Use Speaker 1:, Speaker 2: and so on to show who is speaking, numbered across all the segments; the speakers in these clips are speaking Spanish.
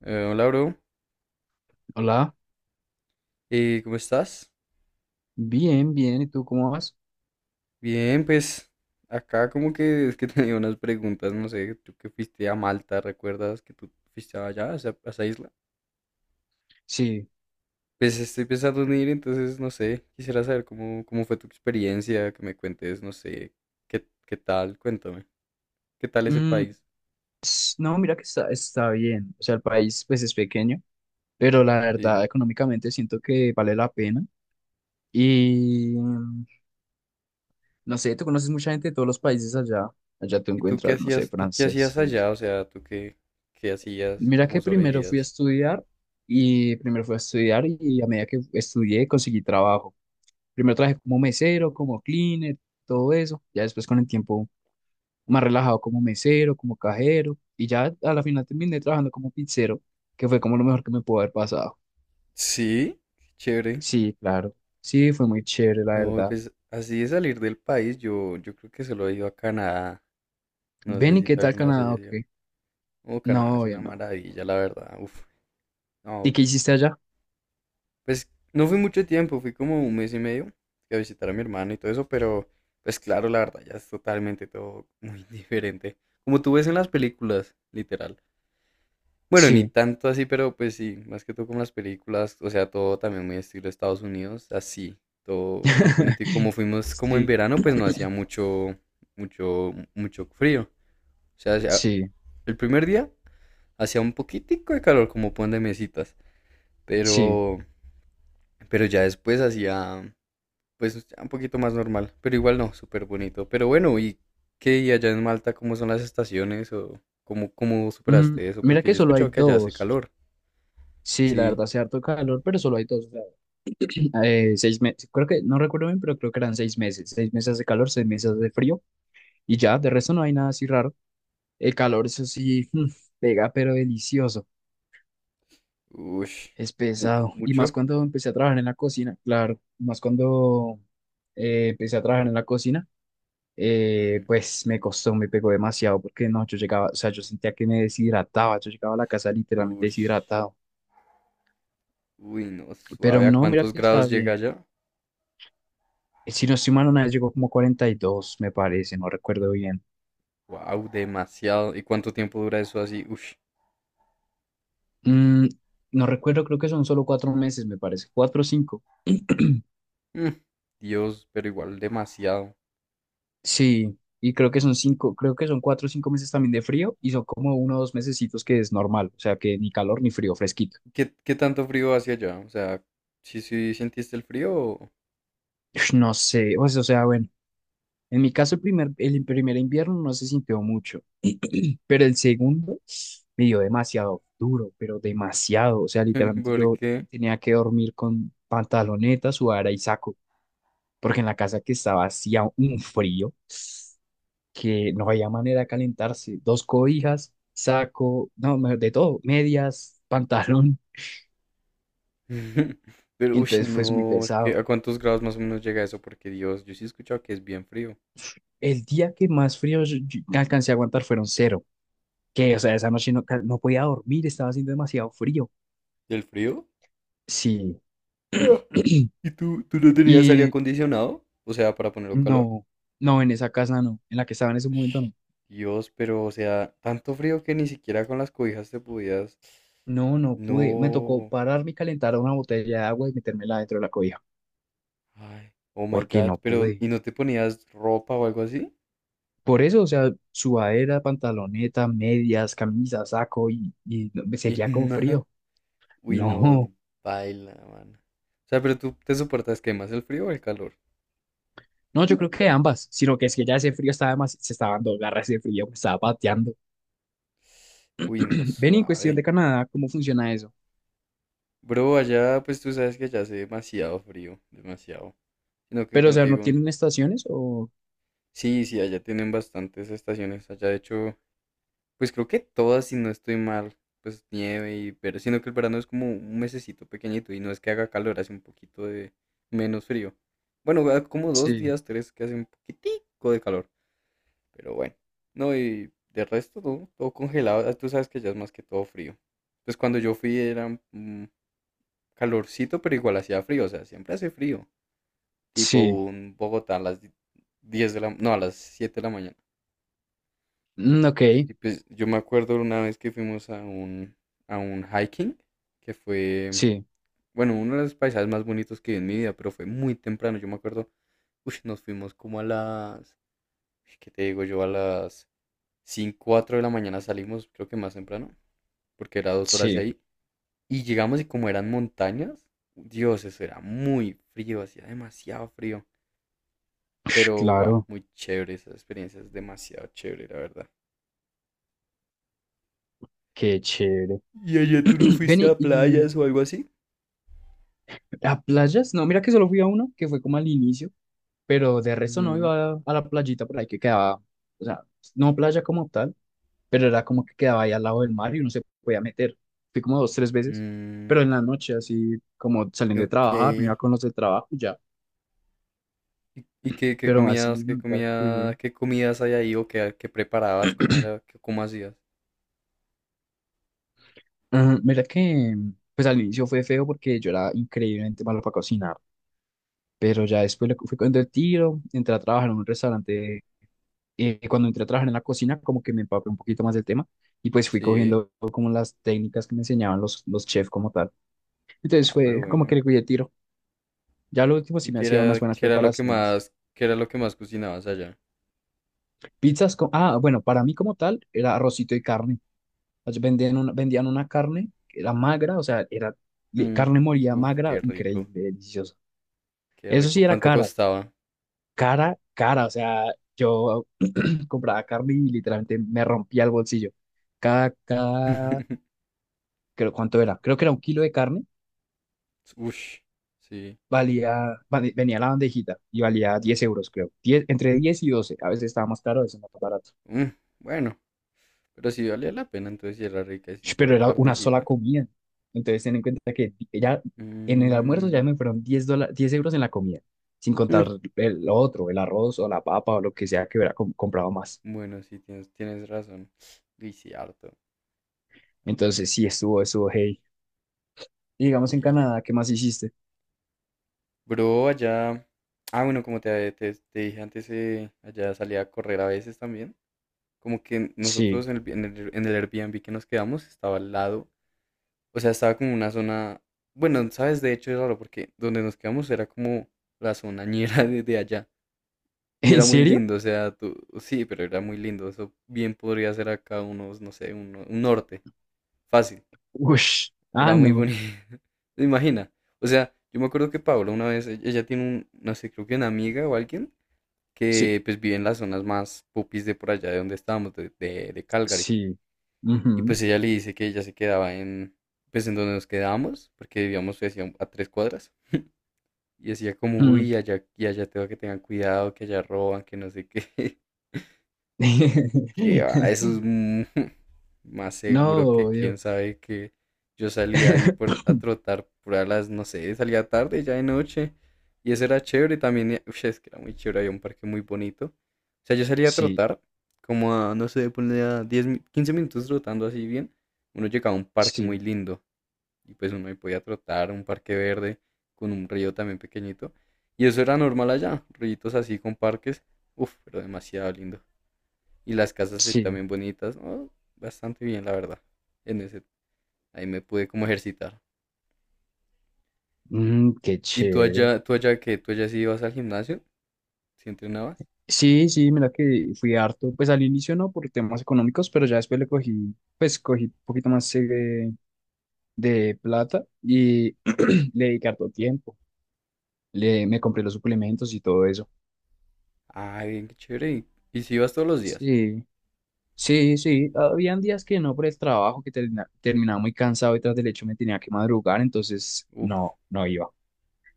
Speaker 1: Hola, bro.
Speaker 2: Hola,
Speaker 1: ¿Cómo estás?
Speaker 2: bien, bien. ¿Y tú cómo vas?
Speaker 1: Bien, pues acá como que es que tenía unas preguntas, no sé, tú que fuiste a Malta, ¿recuerdas que tú fuiste allá, a esa isla?
Speaker 2: Sí.
Speaker 1: Pues estoy pensando en ir, entonces no sé, quisiera saber cómo fue tu experiencia, que me cuentes, no sé, qué tal, cuéntame, qué tal es el
Speaker 2: Mm,
Speaker 1: país.
Speaker 2: no, mira que está bien. O sea, el país pues es pequeño, pero la
Speaker 1: Sí.
Speaker 2: verdad económicamente siento que vale la pena. Y no sé, tú conoces mucha gente de todos los países allá. Allá tú
Speaker 1: ¿Y tú qué
Speaker 2: encuentras, no sé,
Speaker 1: hacías, tú qué
Speaker 2: franceses.
Speaker 1: hacías allá? O sea, ¿tú qué hacías,
Speaker 2: Mira
Speaker 1: cómo
Speaker 2: que primero fui a
Speaker 1: sobrevivías?
Speaker 2: estudiar y primero fui a estudiar y a medida que estudié conseguí trabajo. Primero trabajé como mesero, como cleaner, todo eso. Ya después con el tiempo más relajado como mesero, como cajero, y ya a la final terminé trabajando como pizzero, que fue como lo mejor que me pudo haber pasado.
Speaker 1: Sí, qué chévere.
Speaker 2: Sí, claro, sí, fue muy chévere, la
Speaker 1: No,
Speaker 2: verdad.
Speaker 1: pues así de salir del país, yo creo que solo he ido a Canadá. No sé
Speaker 2: Ven, ¿y
Speaker 1: si
Speaker 2: qué
Speaker 1: tú
Speaker 2: tal
Speaker 1: alguna vez
Speaker 2: Canadá?
Speaker 1: hayas
Speaker 2: Ok,
Speaker 1: ido. Oh, Canadá es
Speaker 2: no, yo
Speaker 1: una
Speaker 2: no.
Speaker 1: maravilla, la verdad. Uf.
Speaker 2: ¿Y
Speaker 1: No,
Speaker 2: qué hiciste allá?
Speaker 1: pues no fui mucho tiempo, fui como un mes y medio, fui a visitar a mi hermano y todo eso, pero pues claro, la verdad ya es totalmente todo muy diferente. Como tú ves en las películas, literal. Bueno, ni
Speaker 2: Sí,
Speaker 1: tanto así, pero pues sí, más que todo como las películas, o sea, todo también muy estilo Estados Unidos, así, todo muy bonito. Y como fuimos como en
Speaker 2: sí,
Speaker 1: verano, pues no hacía mucho frío. O sea,
Speaker 2: sí,
Speaker 1: el primer día hacía un poquitico de calor, como pon de mesitas,
Speaker 2: sí.
Speaker 1: pero, ya después hacía, pues, ya un poquito más normal, pero igual no, súper bonito. Pero bueno, ¿y qué? ¿Y allá en Malta cómo son las estaciones o cómo superaste eso?
Speaker 2: Mira
Speaker 1: Porque
Speaker 2: que
Speaker 1: yo he
Speaker 2: solo hay
Speaker 1: escuchado que allá hace
Speaker 2: dos.
Speaker 1: calor,
Speaker 2: Sí, la
Speaker 1: sí.
Speaker 2: verdad, hace harto calor, pero solo hay dos. O sea, 6 meses, creo que, no recuerdo bien, pero creo que eran 6 meses. 6 meses de calor, 6 meses de frío, y ya, de resto no hay nada así raro. El calor, eso sí, pega, pero delicioso.
Speaker 1: Ush.
Speaker 2: Es
Speaker 1: Mu-
Speaker 2: pesado. Y más
Speaker 1: mucho.
Speaker 2: cuando empecé a trabajar en la cocina, claro, más cuando empecé a trabajar en la cocina,
Speaker 1: Mm.
Speaker 2: pues me costó, me pegó demasiado, porque no, yo llegaba, o sea, yo sentía que me deshidrataba, yo llegaba a la casa literalmente
Speaker 1: Ush.
Speaker 2: deshidratado.
Speaker 1: Uy, no,
Speaker 2: Pero
Speaker 1: suave. ¿A
Speaker 2: no, mira
Speaker 1: cuántos
Speaker 2: que está
Speaker 1: grados llega
Speaker 2: bien.
Speaker 1: allá?
Speaker 2: Si no estoy mal, una vez llegó como 42 me parece, no recuerdo bien.
Speaker 1: Wow, demasiado. ¿Y cuánto tiempo dura eso así? Ush.
Speaker 2: Mm, no recuerdo, creo que son solo cuatro meses, me parece, cuatro o cinco.
Speaker 1: Mm. Dios, pero igual demasiado.
Speaker 2: Sí, y creo que son cinco, creo que son cuatro o cinco meses también de frío y son como uno o dos mesecitos que es normal, o sea que ni calor ni frío, fresquito.
Speaker 1: ¿Qué tanto frío hacia allá? O sea, ¿sí sentiste el frío?
Speaker 2: Ush, no sé, o sea, bueno, en mi caso el primer invierno no se sintió mucho, pero el segundo me dio demasiado duro, pero demasiado, o sea, literalmente
Speaker 1: ¿Por
Speaker 2: yo
Speaker 1: qué?
Speaker 2: tenía que dormir con pantaloneta, sudadera y saco, porque en la casa que estaba hacía un frío, que no había manera de calentarse. Dos cobijas, saco, no, mejor de todo, medias, pantalón.
Speaker 1: Pero, ush,
Speaker 2: Entonces fue muy
Speaker 1: no, es que
Speaker 2: pesado.
Speaker 1: ¿a cuántos grados más o menos llega eso? Porque Dios, yo sí he escuchado que es bien frío.
Speaker 2: El día que más frío yo alcancé a aguantar fueron cero. Que, o sea, esa noche no, no podía dormir, estaba haciendo demasiado frío.
Speaker 1: ¿Del frío?
Speaker 2: Sí.
Speaker 1: Ah. ¿Y tú no tenías aire
Speaker 2: Y
Speaker 1: acondicionado? O sea, para ponerlo calor.
Speaker 2: no, no, en esa casa no, en la que estaba en ese momento no.
Speaker 1: Dios, pero o sea, tanto frío que ni siquiera con las cobijas te podías.
Speaker 2: No, no pude. Me tocó
Speaker 1: No.
Speaker 2: pararme y calentar una botella de agua y metérmela dentro de la cobija,
Speaker 1: Ay, oh my
Speaker 2: porque
Speaker 1: God.
Speaker 2: no
Speaker 1: Pero,
Speaker 2: pude.
Speaker 1: ¿y no te ponías ropa o algo así?
Speaker 2: Por eso, o sea, sudadera, pantaloneta, medias, camisa, saco y me
Speaker 1: Y
Speaker 2: seguía con
Speaker 1: nada.
Speaker 2: frío.
Speaker 1: Uy, no, qué
Speaker 2: No,
Speaker 1: paila, mano. O sea, pero tú te soportas que más el frío o el calor.
Speaker 2: no, yo creo que ambas, sino que es que ya ese frío estaba más, se estaba dando garra ese frío, me estaba pateando.
Speaker 1: Uy, no,
Speaker 2: Ven, y en cuestión
Speaker 1: suave.
Speaker 2: de Canadá, ¿cómo funciona eso?
Speaker 1: Bro, allá, pues tú sabes que allá hace demasiado frío, demasiado. Sino que,
Speaker 2: Pero, o
Speaker 1: como
Speaker 2: sea,
Speaker 1: te
Speaker 2: ¿no
Speaker 1: digo,
Speaker 2: tienen estaciones o...?
Speaker 1: sí, sí, allá tienen bastantes estaciones. Allá, de hecho, pues creo que todas, si no estoy mal, pues nieve y pero sino que el verano es como un mesecito pequeñito y no es que haga calor, hace un poquito de menos frío. Bueno, va como dos
Speaker 2: Sí,
Speaker 1: días, tres, que hace un poquitico de calor, pero bueno. No, y de resto todo congelado. Ah, tú sabes que ya es más que todo frío. Pues cuando yo fui era calorcito, pero igual hacía frío, o sea, siempre hace frío. Tipo
Speaker 2: sí,
Speaker 1: un Bogotá a las 10 de la, no, a las 7 de la mañana.
Speaker 2: ok,
Speaker 1: Y pues yo me acuerdo una vez que fuimos a un, hiking, que fue,
Speaker 2: sí,
Speaker 1: bueno, uno de los paisajes más bonitos que vi en mi vida, pero fue muy temprano. Yo me acuerdo, uy, nos fuimos como a las, ¿qué te digo yo? A las 5, 4 de la mañana, salimos, creo que más temprano, porque era 2 horas de
Speaker 2: sí,
Speaker 1: ahí. Y llegamos y como eran montañas, Dios, eso era muy frío, hacía demasiado frío. Pero, wow,
Speaker 2: claro,
Speaker 1: muy chévere, esa experiencia es demasiado chévere, la verdad.
Speaker 2: qué chévere.
Speaker 1: ¿Y allá tú no
Speaker 2: Ven,
Speaker 1: fuiste
Speaker 2: y,
Speaker 1: a
Speaker 2: y
Speaker 1: playas o algo así?
Speaker 2: a playas, no, mira que solo fui a una, que fue como al inicio, pero de resto no iba a la playita por ahí que quedaba, o sea, no playa como tal, pero era como que quedaba ahí al lado del mar y uno se podía meter. Fui como dos, tres veces,
Speaker 1: Mm,
Speaker 2: pero en la noche, así como saliendo de
Speaker 1: ok.
Speaker 2: trabajar, me iba
Speaker 1: ¿Y,
Speaker 2: con los del trabajo y ya,
Speaker 1: qué,
Speaker 2: pero así
Speaker 1: comías, qué
Speaker 2: nunca
Speaker 1: comía,
Speaker 2: fui.
Speaker 1: qué comidas hay ahí o qué preparabas? ¿Cómo era, cómo hacías?
Speaker 2: Ujú, mira que, pues al inicio fue feo porque yo era increíblemente malo para cocinar, pero ya después le fui con el tiro, entré a trabajar en un restaurante cuando entré a trabajar en la cocina, como que me empapé un poquito más del tema y pues fui
Speaker 1: Sí.
Speaker 2: cogiendo como las técnicas que me enseñaban los chefs como tal. Entonces
Speaker 1: Ah,
Speaker 2: fue
Speaker 1: pero
Speaker 2: como que
Speaker 1: bueno.
Speaker 2: le cuidé tiro. Ya lo último
Speaker 1: ¿Y
Speaker 2: sí me hacía unas buenas
Speaker 1: qué era lo que
Speaker 2: preparaciones.
Speaker 1: más, qué era lo que más cocinabas allá?
Speaker 2: Pizzas con, ah, bueno, para mí como tal era arrocito y carne. Ellos vendían una, vendían una carne que era magra, o sea, era
Speaker 1: Mm,
Speaker 2: carne molida
Speaker 1: uf,
Speaker 2: magra,
Speaker 1: qué rico,
Speaker 2: increíble, deliciosa.
Speaker 1: qué
Speaker 2: Eso
Speaker 1: rico.
Speaker 2: sí era
Speaker 1: ¿Cuánto
Speaker 2: cara,
Speaker 1: costaba?
Speaker 2: cara, cara, o sea, yo compraba carne y literalmente me rompía el bolsillo. Cada creo, ¿cuánto era? Creo que era un kilo de carne,
Speaker 1: Ush, sí.
Speaker 2: venía la bandejita y valía €10, creo. Diez, entre 10 y 12 a veces estaba más caro, a veces más barato.
Speaker 1: Mm, bueno, pero sí valía la pena, entonces si era rica, es
Speaker 2: Sh, pero
Speaker 1: igual
Speaker 2: era una sola
Speaker 1: carnecita.
Speaker 2: comida. Entonces, ten en cuenta que ya en el almuerzo
Speaker 1: Mm,
Speaker 2: ya me fueron €10 en la comida, sin
Speaker 1: mm,
Speaker 2: contar el, lo otro, el arroz o la papa o lo que sea que hubiera comprado más.
Speaker 1: bueno, sí, tienes razón. Y sí, harto.
Speaker 2: Entonces, sí, estuvo, estuvo, hey. Y digamos en
Speaker 1: Sí,
Speaker 2: Canadá, ¿qué más hiciste?
Speaker 1: bro, allá. Ah, bueno, como te dije antes, allá salía a correr a veces también. Como que
Speaker 2: Sí.
Speaker 1: nosotros en el, en el Airbnb que nos quedamos, estaba al lado. O sea, estaba como una zona. Bueno, sabes, de hecho es raro porque donde nos quedamos era como la zona ñera de allá. Y
Speaker 2: ¿En
Speaker 1: era muy
Speaker 2: serio?
Speaker 1: lindo, o sea, tú. Sí, pero era muy lindo. Eso bien podría ser acá unos, no sé, un norte. Fácil.
Speaker 2: Ush. Ah,
Speaker 1: Era muy
Speaker 2: no.
Speaker 1: bonito. Imagina. O sea, yo me acuerdo que Paola una vez, ella tiene un, no sé, creo que una amiga o alguien
Speaker 2: Sí,
Speaker 1: que pues vive en las zonas más popis de por allá de donde estábamos, de Calgary.
Speaker 2: sí.
Speaker 1: Y
Speaker 2: Ujú.
Speaker 1: pues ella le dice que ella se quedaba en, pues en donde nos quedábamos, porque vivíamos, decía, a 3 cuadras. Y decía como,
Speaker 2: Mm.
Speaker 1: uy, allá, y allá tengo que, tengan cuidado, que allá roban, que no sé qué. Que va, eso es más
Speaker 2: No,
Speaker 1: seguro que quién
Speaker 2: obvio.
Speaker 1: sabe que yo salía ahí por, a trotar por a las, no sé, salía tarde, ya de noche. Y eso era chévere también. Es que era muy chévere, había un parque muy bonito. O sea, yo salía a
Speaker 2: Sí,
Speaker 1: trotar, como a, no sé, ponle a 15 minutos trotando así bien. Uno llegaba a un parque muy
Speaker 2: sí,
Speaker 1: lindo. Y pues uno ahí podía trotar, un parque verde, con un río también pequeñito. Y eso era normal allá, ríos así con parques. Uf, pero demasiado lindo. Y las casas,
Speaker 2: sí.
Speaker 1: también bonitas, ¿no? Bastante bien, la verdad. En ese, Ahí me pude como ejercitar.
Speaker 2: Qué chévere.
Speaker 1: ¿Tú allá sí ibas al gimnasio? ¿Sí entrenabas?
Speaker 2: Sí, sí, mira que fui harto. Pues al inicio no por temas económicos, pero ya después le cogí, pues cogí un poquito más de, plata y le dediqué harto tiempo. Le, me compré los suplementos y todo eso.
Speaker 1: Ah, bien, qué chévere. ¿Y si ibas todos los días?
Speaker 2: Sí, sí, sí. Habían días que no por el trabajo, que terminaba muy cansado y tras del hecho me tenía que madrugar, entonces
Speaker 1: Uf,
Speaker 2: no, no iba.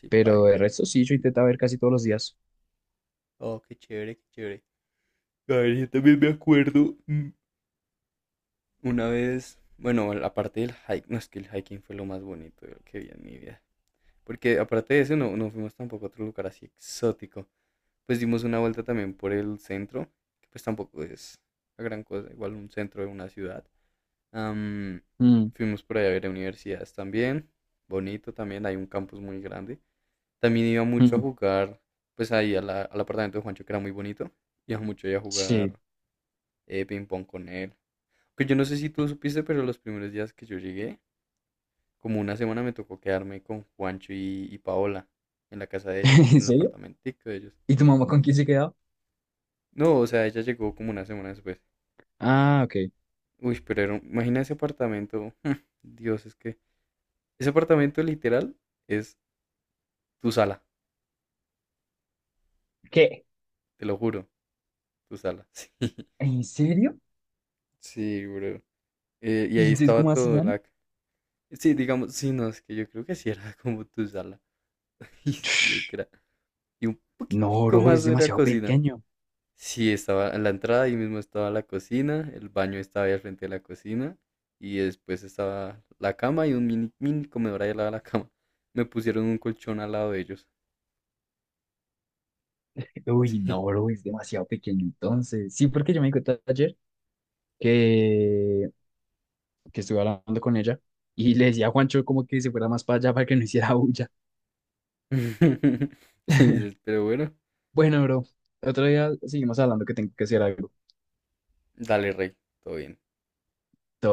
Speaker 1: sí,
Speaker 2: Pero
Speaker 1: baila.
Speaker 2: de resto sí, yo intentaba ver casi todos los días.
Speaker 1: Oh, qué chévere, qué chévere. A ver, yo también me acuerdo. Una vez, bueno, aparte del hiking, no, es que el hiking fue lo más bonito, yo, que vi en mi vida. Porque aparte de eso, no, no fuimos tampoco a otro lugar así exótico. Pues dimos una vuelta también por el centro, que pues tampoco es la gran cosa, igual un centro de una ciudad. Am,
Speaker 2: Mm,
Speaker 1: Fuimos por ahí a ver universidades también, bonito también, hay un campus muy grande. También iba mucho a
Speaker 2: mm.
Speaker 1: jugar, pues ahí a al apartamento de Juancho, que era muy bonito, iba mucho ahí a
Speaker 2: Sí.
Speaker 1: jugar ping pong con él. Que yo no sé si tú supiste, pero los primeros días que yo llegué, como una semana me tocó quedarme con Juancho y Paola en la casa de ellos,
Speaker 2: ¿En
Speaker 1: en el
Speaker 2: serio?
Speaker 1: apartamentico de ellos.
Speaker 2: ¿Y tu mamá con quién se quedaba?
Speaker 1: No, o sea, ella llegó como una semana después.
Speaker 2: Ah, ok.
Speaker 1: Uy, pero era imagina ese apartamento. Dios, es que ese apartamento literal es tu sala,
Speaker 2: ¿Qué?
Speaker 1: te lo juro, tu sala.
Speaker 2: ¿En serio?
Speaker 1: Sí, sí, bro. Y
Speaker 2: ¿Y
Speaker 1: ahí
Speaker 2: entonces
Speaker 1: estaba
Speaker 2: cómo
Speaker 1: todo
Speaker 2: hacían?
Speaker 1: la... Sí, digamos, sí, no, es que yo creo que sí era como tu sala. Y sí, es que era... Y un
Speaker 2: No,
Speaker 1: poquitico
Speaker 2: bro,
Speaker 1: más
Speaker 2: es
Speaker 1: de la
Speaker 2: demasiado
Speaker 1: cocina.
Speaker 2: pequeño.
Speaker 1: Sí, estaba en la entrada, ahí mismo estaba la cocina, el baño estaba ahí al frente de la cocina, y después estaba la cama y un mini, mini comedor ahí al lado de la cama. Me pusieron un colchón al lado de ellos.
Speaker 2: Uy, no, bro, es demasiado pequeño. Entonces, sí, porque yo me di cuenta ayer que, que estuve hablando con ella y le decía a Juancho como que se fuera más para allá para que no hiciera bulla.
Speaker 1: Sí, dices, pero bueno,
Speaker 2: Bueno, bro, otro día seguimos hablando que tengo que hacer algo.
Speaker 1: dale, rey, todo bien.
Speaker 2: Todo